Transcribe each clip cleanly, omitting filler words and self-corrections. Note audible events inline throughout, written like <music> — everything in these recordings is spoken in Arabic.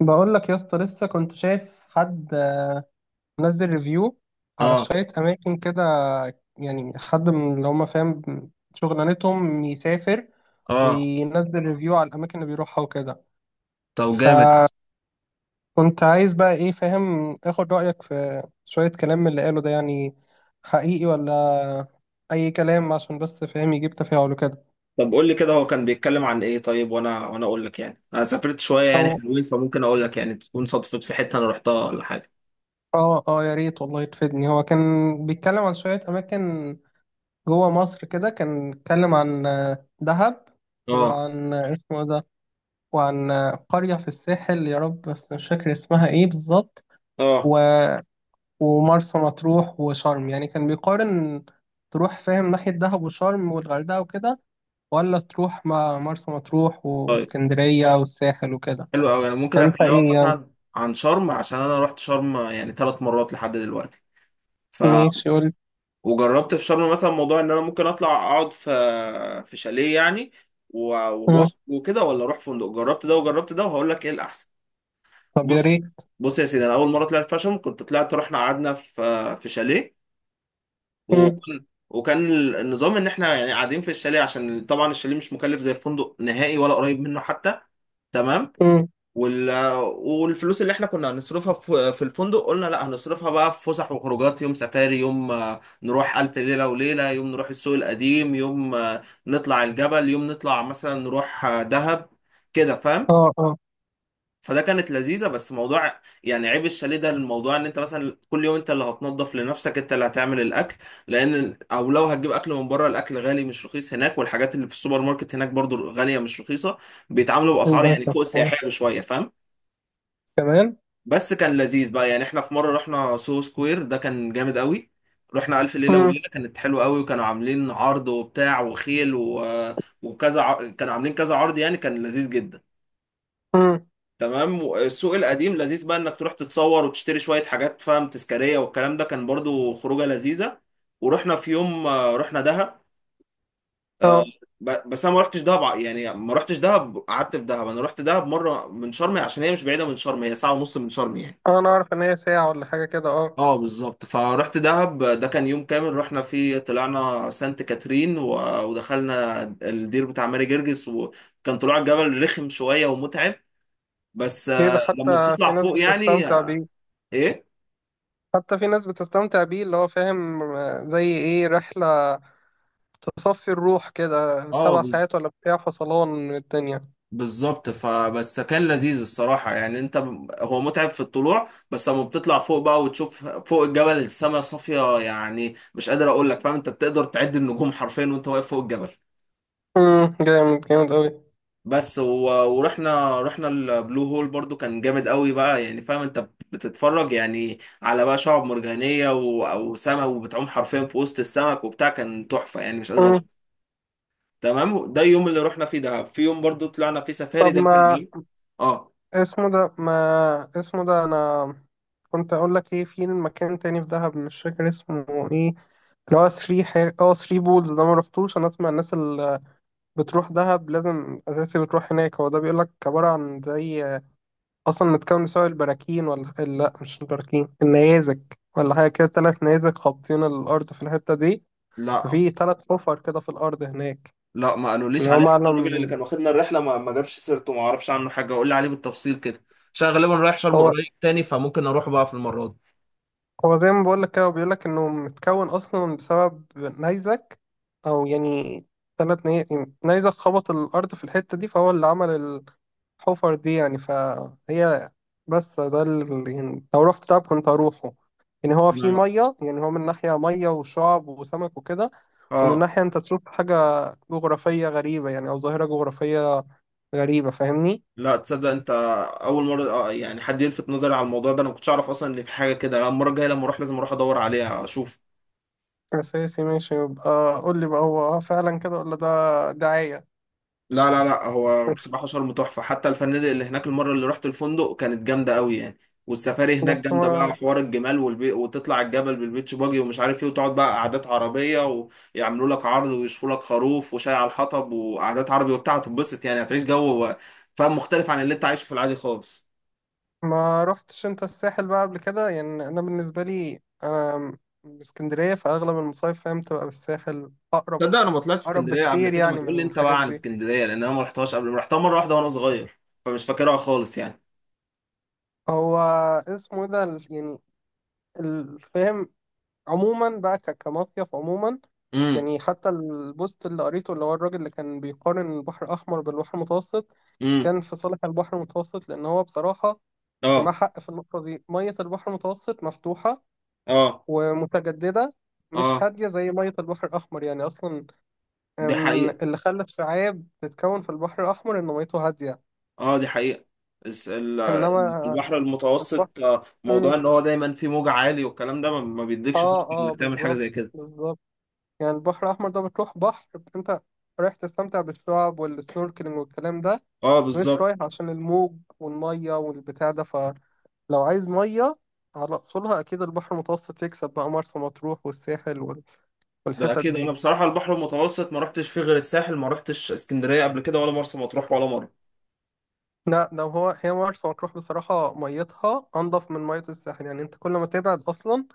بقول لك يا اسطى لسه كنت شايف حد منزل ريفيو على اه. شوية أماكن كده. يعني حد من اللي هم فاهم شغلانتهم يسافر اه. وينزل ريفيو على الأماكن اللي بيروحها وكده. طب جامد. فكنت عايز بقى إيه فاهم آخد رأيك في شوية كلام من اللي قاله ده، يعني حقيقي ولا أي كلام عشان بس فاهم يجيب تفاعل وكده. طب قول لي كده، هو كان بيتكلم عن ايه؟ طيب وانا اقول لك، يعني انا سافرت شويه يعني أو حلوين، فممكن اقول لك يعني تكون صدفت في حته انا رحتها ولا حاجه. آه آه، يا ريت والله تفيدني. هو كان بيتكلم عن شوية أماكن جوه مصر كده، كان اتكلم عن دهب، اه. وعن اسمه إيه ده، وعن قرية في الساحل، يا رب بس مش فاكر اسمها ايه بالظبط. اه. و- ومرسى مطروح وشرم. يعني كان بيقارن تروح فاهم ناحية دهب وشرم والغردقة وكده، ولا تروح مع مرسى مطروح طيب واسكندرية والساحل وكده. حلو قوي، انا ممكن فانت اكلمك ايه يعني؟ مثلا عن شرم، عشان انا رحت شرم يعني 3 مرات لحد دلوقتي. ف ماشي، قول. وجربت في شرم مثلا موضوع ان انا ممكن اطلع اقعد في شاليه يعني و... و- مم. وكده، ولا اروح فندق، جربت ده وجربت ده وهقول لك ايه الاحسن. طب يا بص، ريت. بص يا سيدي، انا اول مره طلعت فاشن، كنت طلعت، رحنا قعدنا في شاليه. مم. وكان وكان النظام ان احنا يعني قاعدين في الشاليه، عشان طبعا الشاليه مش مكلف زي الفندق نهائي ولا قريب منه حتى. تمام. مم. وال والفلوس اللي احنا كنا هنصرفها في الفندق، قلنا لا هنصرفها بقى في فسح وخروجات. يوم سفاري، يوم نروح ألف ليلة وليلة، يوم نروح السوق القديم، يوم نطلع الجبل، يوم نطلع مثلا نروح دهب. كده فاهم؟ اه اه. فده كانت لذيذة بس، موضوع يعني عيب الشاليه ده، الموضوع ان انت مثلا كل يوم انت اللي هتنظف لنفسك، انت اللي هتعمل الاكل، لان او لو هتجيب اكل من بره، الاكل غالي مش رخيص هناك، والحاجات اللي في السوبر ماركت هناك برضو غالية مش رخيصة. بيتعاملوا باسعار يعني للأسف فوق آه. السياحية بشوية، فاهم؟ كمان. بس كان لذيذ بقى، يعني احنا في مرة رحنا سوهو سكوير، ده كان جامد قوي. رحنا ألف ليلة مم. وليلة، كانت حلوة قوي، وكانوا عاملين عرض وبتاع وخيل كانوا عاملين كذا عرض، يعني كان لذيذ جدا. مم. تمام. السوق القديم لذيذ بقى انك تروح تتصور وتشتري شوية حاجات، فاهم، تذكارية، والكلام ده كان برضو خروجة لذيذة. ورحنا في يوم رحنا دهب. آه، اه بس انا ما رحتش دهب، يعني ما رحتش دهب قعدت في دهب، انا رحت دهب مرة من شرم، عشان هي مش بعيدة من شرم، هي ساعة ونص من شرم يعني. اه، انا اعرف ان هي ساعة ولا حاجة كده، اه. اه بالظبط. فرحت دهب، ده كان يوم كامل رحنا فيه، طلعنا سانت كاترين و- ودخلنا الدير بتاع ماري جرجس، وكان طلوع الجبل رخم شوية ومتعب. بس ليه ده، لما حتى في بتطلع ناس فوق يعني، بتستمتع بيه. ايه. حتى في ناس بتستمتع بيه، اللي هو فاهم زي ايه، رحلة تصفي الروح كده اه سبع ساعات ولا بتاع، فصلان من الدنيا. بالظبط. فبس كان لذيذ الصراحة، يعني انت هو متعب في الطلوع، بس لما بتطلع فوق بقى وتشوف فوق الجبل السماء صافية، يعني مش قادر اقول لك، فاهم، انت بتقدر تعد النجوم حرفيا وانت واقف فوق الجبل. جامد جامد اوي. بس ورحنا البلو هول، برضو كان جامد قوي بقى، يعني فاهم انت بتتفرج يعني على بقى شعب مرجانية وسمك، وبتعوم حرفيا في وسط السمك وبتاع، كان تحفة يعني مش قادر امم. اوصف. تمام. ده اليوم اللي رحنا فيه دهب. في يوم برضو طلعنا فيه سفاري، طب، ده كان ما جميل. اه. اسمه ده ما اسمه ده انا كنت اقول لك ايه، في مكان تاني في دهب مش فاكر اسمه ايه، اللي هو ثري حاجة، ثري بولز ده، ما رحتوش. انا اسمع الناس اللي بتروح دهب لازم اساسي بتروح هناك. هو ده بيقول لك عبارة عن زي، اصلا متكون بسبب البراكين، ولا لا مش البراكين، النيازك ولا حاجه كده، ثلاث نيازك خابطين الارض في الحته دي، لا، ففي ثلاث حفر كده في الارض هناك. لا، ما قالوليش يعني هو عليه، حتى الراجل اللي معلم. كان واخدنا الرحله ما جابش سيرته، ما اعرفش عنه حاجه. قول لي عليه بالتفصيل كده، عشان أنا غالبا رايح شرم هو قريب تاني، فممكن اروح بقى في المره دي. هو زي ما بقول لك كده، بيقول لك انه متكون اصلا بسبب نيزك، او يعني ثلاث نيازك خبط الارض في الحته دي، فهو اللي عمل حفر دي يعني، فهي، بس ده يعني لو رحت دهب كنت هروحه. يعني هو في نعم. مية، يعني هو من ناحية مية وشعب وسمك وكده، ومن اه. ناحية أنت تشوف حاجة جغرافية غريبة، يعني أو ظاهرة جغرافية غريبة، فاهمني؟ لا تصدق انت، اول مره يعني حد يلفت نظري على الموضوع ده، انا ما كنتش اعرف اصلا ان في حاجه كده. أنا المره الجايه لما اروح لازم اروح ادور عليها اشوف. أساسي، ماشي، يبقى قول لي بقى هو فعلا كده ولا ده دعاية. لا، لا، لا، هو بصراحة شرم تحفة، حتى الفنادق اللي هناك، المرة اللي رحت الفندق كانت جامدة قوي يعني. والسفاري هناك بس جامدة بقى، ما حوار الجمال وتطلع الجبل بالبيتش باجي ومش عارف ايه، وتقعد بقى قعدات عربية، ويعملوا لك عرض ويشوفوا لك خروف وشاي على الحطب وقعدات عربي وبتاع، هتتبسط يعني، هتعيش جو، فاهم، مختلف عن اللي انت عايشه في العادي خالص. ما رحتش أنت الساحل بقى قبل كده. يعني أنا بالنسبة لي أنا من اسكندرية، فأغلب المصايف فاهم تبقى بالساحل أقرب. تصدق انا ما طلعتش أقرب اسكندرية قبل بكتير كده، ما يعني تقول لي من انت الحاجات بقى عن دي. اسكندرية، لان انا ما رحتهاش قبل، رحتها مرة واحدة وانا صغير، فمش فاكرها خالص يعني. هو اسمه إيه ده يعني الفهم عموما بقى كمصيف عموما. امم. يعني حتى البوست اللي قريته، اللي هو الراجل اللي كان بيقارن البحر الأحمر بالبحر المتوسط، امم. كان في صالح البحر المتوسط، لأن هو بصراحة، ومع اه. حق في النقطة دي، مية البحر المتوسط مفتوحة اه. ومتجددة، مش اه هادية زي مية البحر الأحمر يعني. أصلا دي حقيقة. اللي خلى الشعاب تتكون في البحر الأحمر إن ميته هادية. اه دي حقيقة. الس- ال- إنما البحر البحر، المتوسط، موضوع ان هو دايما فيه موج عالي والكلام ده ما بيديكش فرصة اه اه انك تعمل حاجة زي بالظبط كده. بالظبط. يعني البحر الأحمر ده بتروح بحر، بس أنت رايح تستمتع بالشعاب والسنوركلينج والكلام ده، اه مش بالظبط. رايح عشان الموج والمية والبتاع ده. فلو عايز مية على أصولها، أكيد البحر المتوسط يكسب، بقى مرسى مطروح والساحل ده والحتت اكيد، انا دي. بصراحة البحر المتوسط ما رحتش فيه غير الساحل، ما رحتش اسكندرية قبل كده ولا مرسى مطروح ولا مرة. لا ده هي مرسى مطروح بصراحة ميتها أنضف من مية الساحل. يعني أنت كل ما تبعد أصلا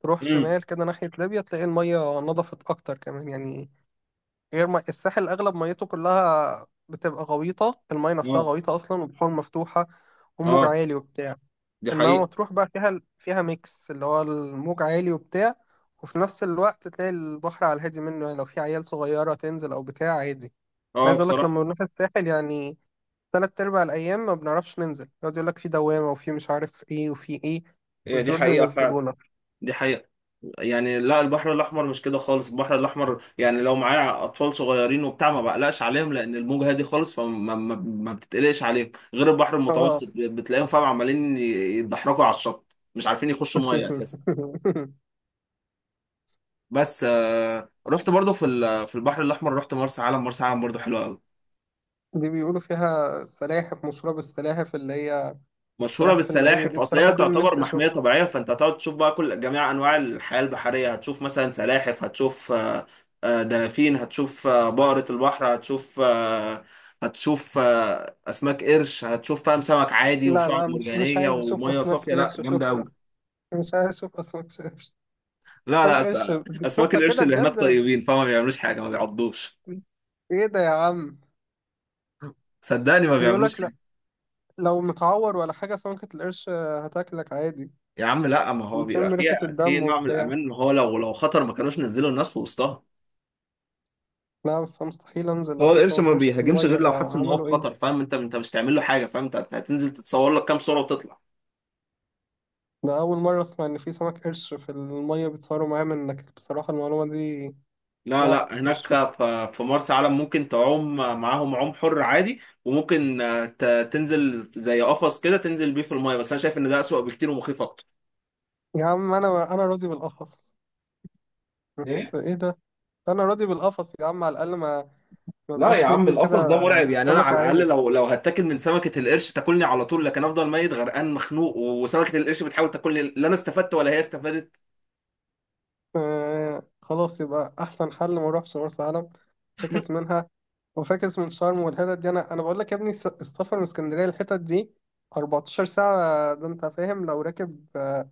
تروح امم. شمال كده ناحية ليبيا تلاقي المية نضفت أكتر كمان يعني. غير ما الساحل اغلب ميته كلها بتبقى غويطه، المايه نفسها اه. غويطه اصلا، وبحور مفتوحه وموج اه عالي وبتاع. دي انما حقيقة. مطروح بقى فيها ميكس، اللي هو الموج عالي وبتاع، وفي نفس الوقت تلاقي البحر على الهادي منه، يعني لو في عيال صغيره تنزل او بتاع عادي. أنا اه عايز اقول لك بصراحة لما بنروح الساحل يعني تلات ارباع الايام ما بنعرفش ننزل، يقعد يقول لك في دوامه وفي مش عارف ايه وفي ايه، هي مش دي برضه حقيقة فعلا. ينزلونا. دي حقيقة. يعني لا، البحر الاحمر مش كده خالص، البحر الاحمر يعني لو معايا اطفال صغيرين وبتاع ما بقلقش عليهم، لان الموجه هادي خالص، فما ما, ما بتتقلقش عليهم، غير البحر اه. المتوسط بتلاقيهم، فاهم، عمالين يتدحرجوا على الشط، مش عارفين يخشوا ميه اساسا. <laughs> بس رحت برضو في البحر الاحمر، رحت مرسى علم. مرسى علم برضو حلوه قوي، دي بيقولوا فيها سلاحف، مشهوره بالسلاحف اللي هي. مشهوره صراحة فيلمائية دي، بالسلاحف، اصل بصراحة هي دي اللي تعتبر نفسي محميه أشوفها. طبيعيه، فانت هتقعد تشوف بقى كل جميع انواع الحياه البحريه، هتشوف مثلا سلاحف، هتشوف دلافين، هتشوف بقره البحر، هتشوف هتشوف اسماك قرش، هتشوف فاهم سمك عادي لا وشعب لا، مش مش مرجانيه عايز أشوف وميه أسماك صافيه، لا قرش، جامده شكرا. قوي. مش عايز أشوف أسماك قرش. لا، لا، أسماك قرش اسماك بتشوفها القرش كده اللي هناك بجد؟ طيبين، فما بيعملوش حاجه، ما بيعضوش. إيه ده يا عم؟ صدقني ما بيقول بيعملوش لك لا، حاجه. لو متعور ولا حاجة سمكة القرش هتاكلك عادي. يا عم لا، ما هو بيبقى بيشم ريحة فيها في الدم نوع من وبتاع. الامان، ان هو لو خطر ما كانوش نزلوا الناس في وسطها. لا بس أنا مستحيل أنزل لو هو في القرش سمك ما قرش في بيهاجمش المية، غير لو لو حس ان هو في عملوا إيه. خطر، فاهم، انت مش تعمل له حاجه، فاهم، انت هتنزل تتصور لك كام صوره وتطلع. ده أول مرة أسمع إن في سمك قرش في المية بيتصوروا معاه، منك بصراحة المعلومة دي. لا، لا لا، هناك مش. في مرسى علم ممكن تعوم معاهم عوم حر عادي، وممكن تنزل زي قفص كده، تنزل بيه في المايه، بس انا شايف ان ده اسوأ بكتير ومخيف اكتر. يا عم أنا أنا راضي بالقفص، بس ايه. إيه ده. انا راضي بالقفص يا عم، على الاقل ما ما لا يا بقاش عم، مني كده. القفص ده مرعب، يعني انا للسمكة على الاقل عدل. لو هتاكل من سمكه القرش تاكلني على طول، لكن افضل ميت غرقان مخنوق وسمكه القرش بتحاول تاكلني، لا انا استفدت ولا هي استفادت. آه خلاص، يبقى احسن حل ما اروحش مرسى علم. فاكس منها، وفاكس من شرم والحتت دي. انا بقول لك يا ابني السفر من اسكندريه للحتت دي 14 ساعه، ده انت فاهم لو راكب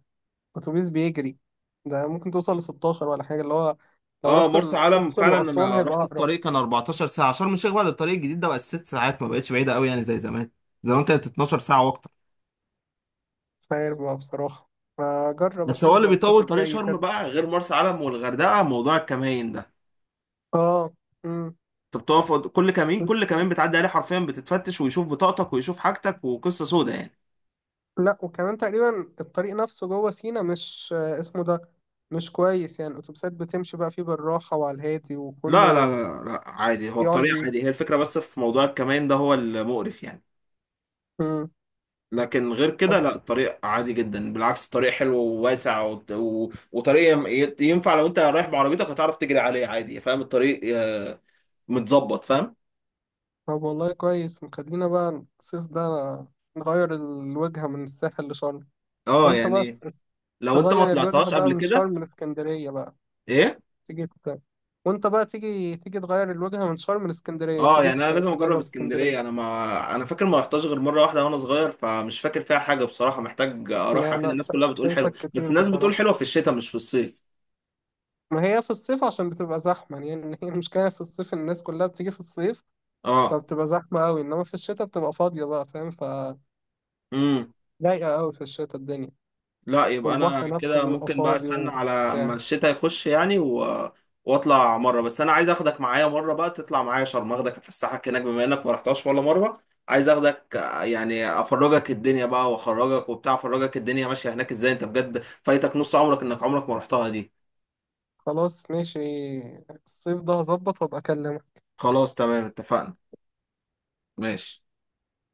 اتوبيس بيجري ده ممكن توصل ل 16 ولا حاجه، اللي هو لو اه رحت مرسى علم الاقصر فعلا، واسوان انا هيبقى رحت اقرب. الطريق كان 14 ساعه، شرم الشيخ بعد الطريق الجديد ده بقى 6 ساعات، ما بقتش بعيده قوي يعني زي زمان. زمان كانت 12 ساعه واكتر. مش عارف بقى بصراحه، فجرب بس هو اشوف اللي بقى الصيف بيطول طريق الجاي شرم كده. بقى غير مرسى علم والغردقه موضوع الكمين ده، اه. امم. انت بتقف كل كمين، كل كمين بتعدي عليه حرفيا بتتفتش، ويشوف بطاقتك ويشوف حاجتك، وقصه سودة يعني. لا، وكمان تقريبا الطريق نفسه جوه سينا مش اسمه ده، مش كويس يعني، الأتوبيسات بتمشي بقى فيه بالراحة وعلى الهادي لا، لا، وكله. لا، لا، عادي، هو يقعد الطريق ي- عادي، هي الفكره بس في موضوع الكمين ده هو المقرف يعني. مم. لكن غير طب كده لا، الطريق عادي جدا، بالعكس، الطريق حلو وواسع وت- و... وطريق ينفع لو انت رايح بعربيتك، هتعرف تجري عليه عادي، فاهم، الطريق متظبط. فاهم؟ طب والله كويس مخلينا بقى الصيف ده نغير الوجهة من الساحل لشرم. اه وانت يعني، بس لو انت ما تغير الوجهة طلعتهاش بقى قبل من كده. شرم لإسكندرية بقى، ايه. تيجي ت... وانت بقى تيجي تغير الوجهة من شرم لإسكندرية، اه تيجي يعني انا لازم اجرب تجرب اسكندرية. اسكندريه، انا فاكر ما رحتهاش غير مره واحده وانا صغير، فمش فاكر فيها حاجه بصراحه، محتاج لا اروحها كده، لا، الناس كلها بتقول حلو، فايتك بس كتير الناس بتقول بصراحة. حلوه في الشتاء مش في الصيف. ما هي في الصيف عشان بتبقى زحمة، يعني هي <laughs> المشكلة في الصيف إن الناس كلها بتيجي في الصيف، اه. فبتبقى زحمة أوي، إنما في الشتاء بتبقى فاضية بقى فاهم. امم. ضايقة أوي في الشتاء الدنيا. لا، يبقى انا والبحر نفسه كده بيبقى ممكن بقى فاضي استنى على اما وبتاع. الشتاء يخش يعني واطلع مره، بس انا عايز اخدك معايا مره بقى، تطلع معايا شرم، اخدك افسحك هناك بما انك ما رحتهاش ولا مره. عايز اخدك يعني افرجك الدنيا بقى واخرجك وبتاع، افرجك الدنيا ماشيه هناك ازاي، انت بجد فايتك نص عمرك انك عمرك ما رحتها دي. خلاص ماشي، الصيف ده هظبط وأبقى أكلمك. خلاص تمام. اتفقنا. ماشي.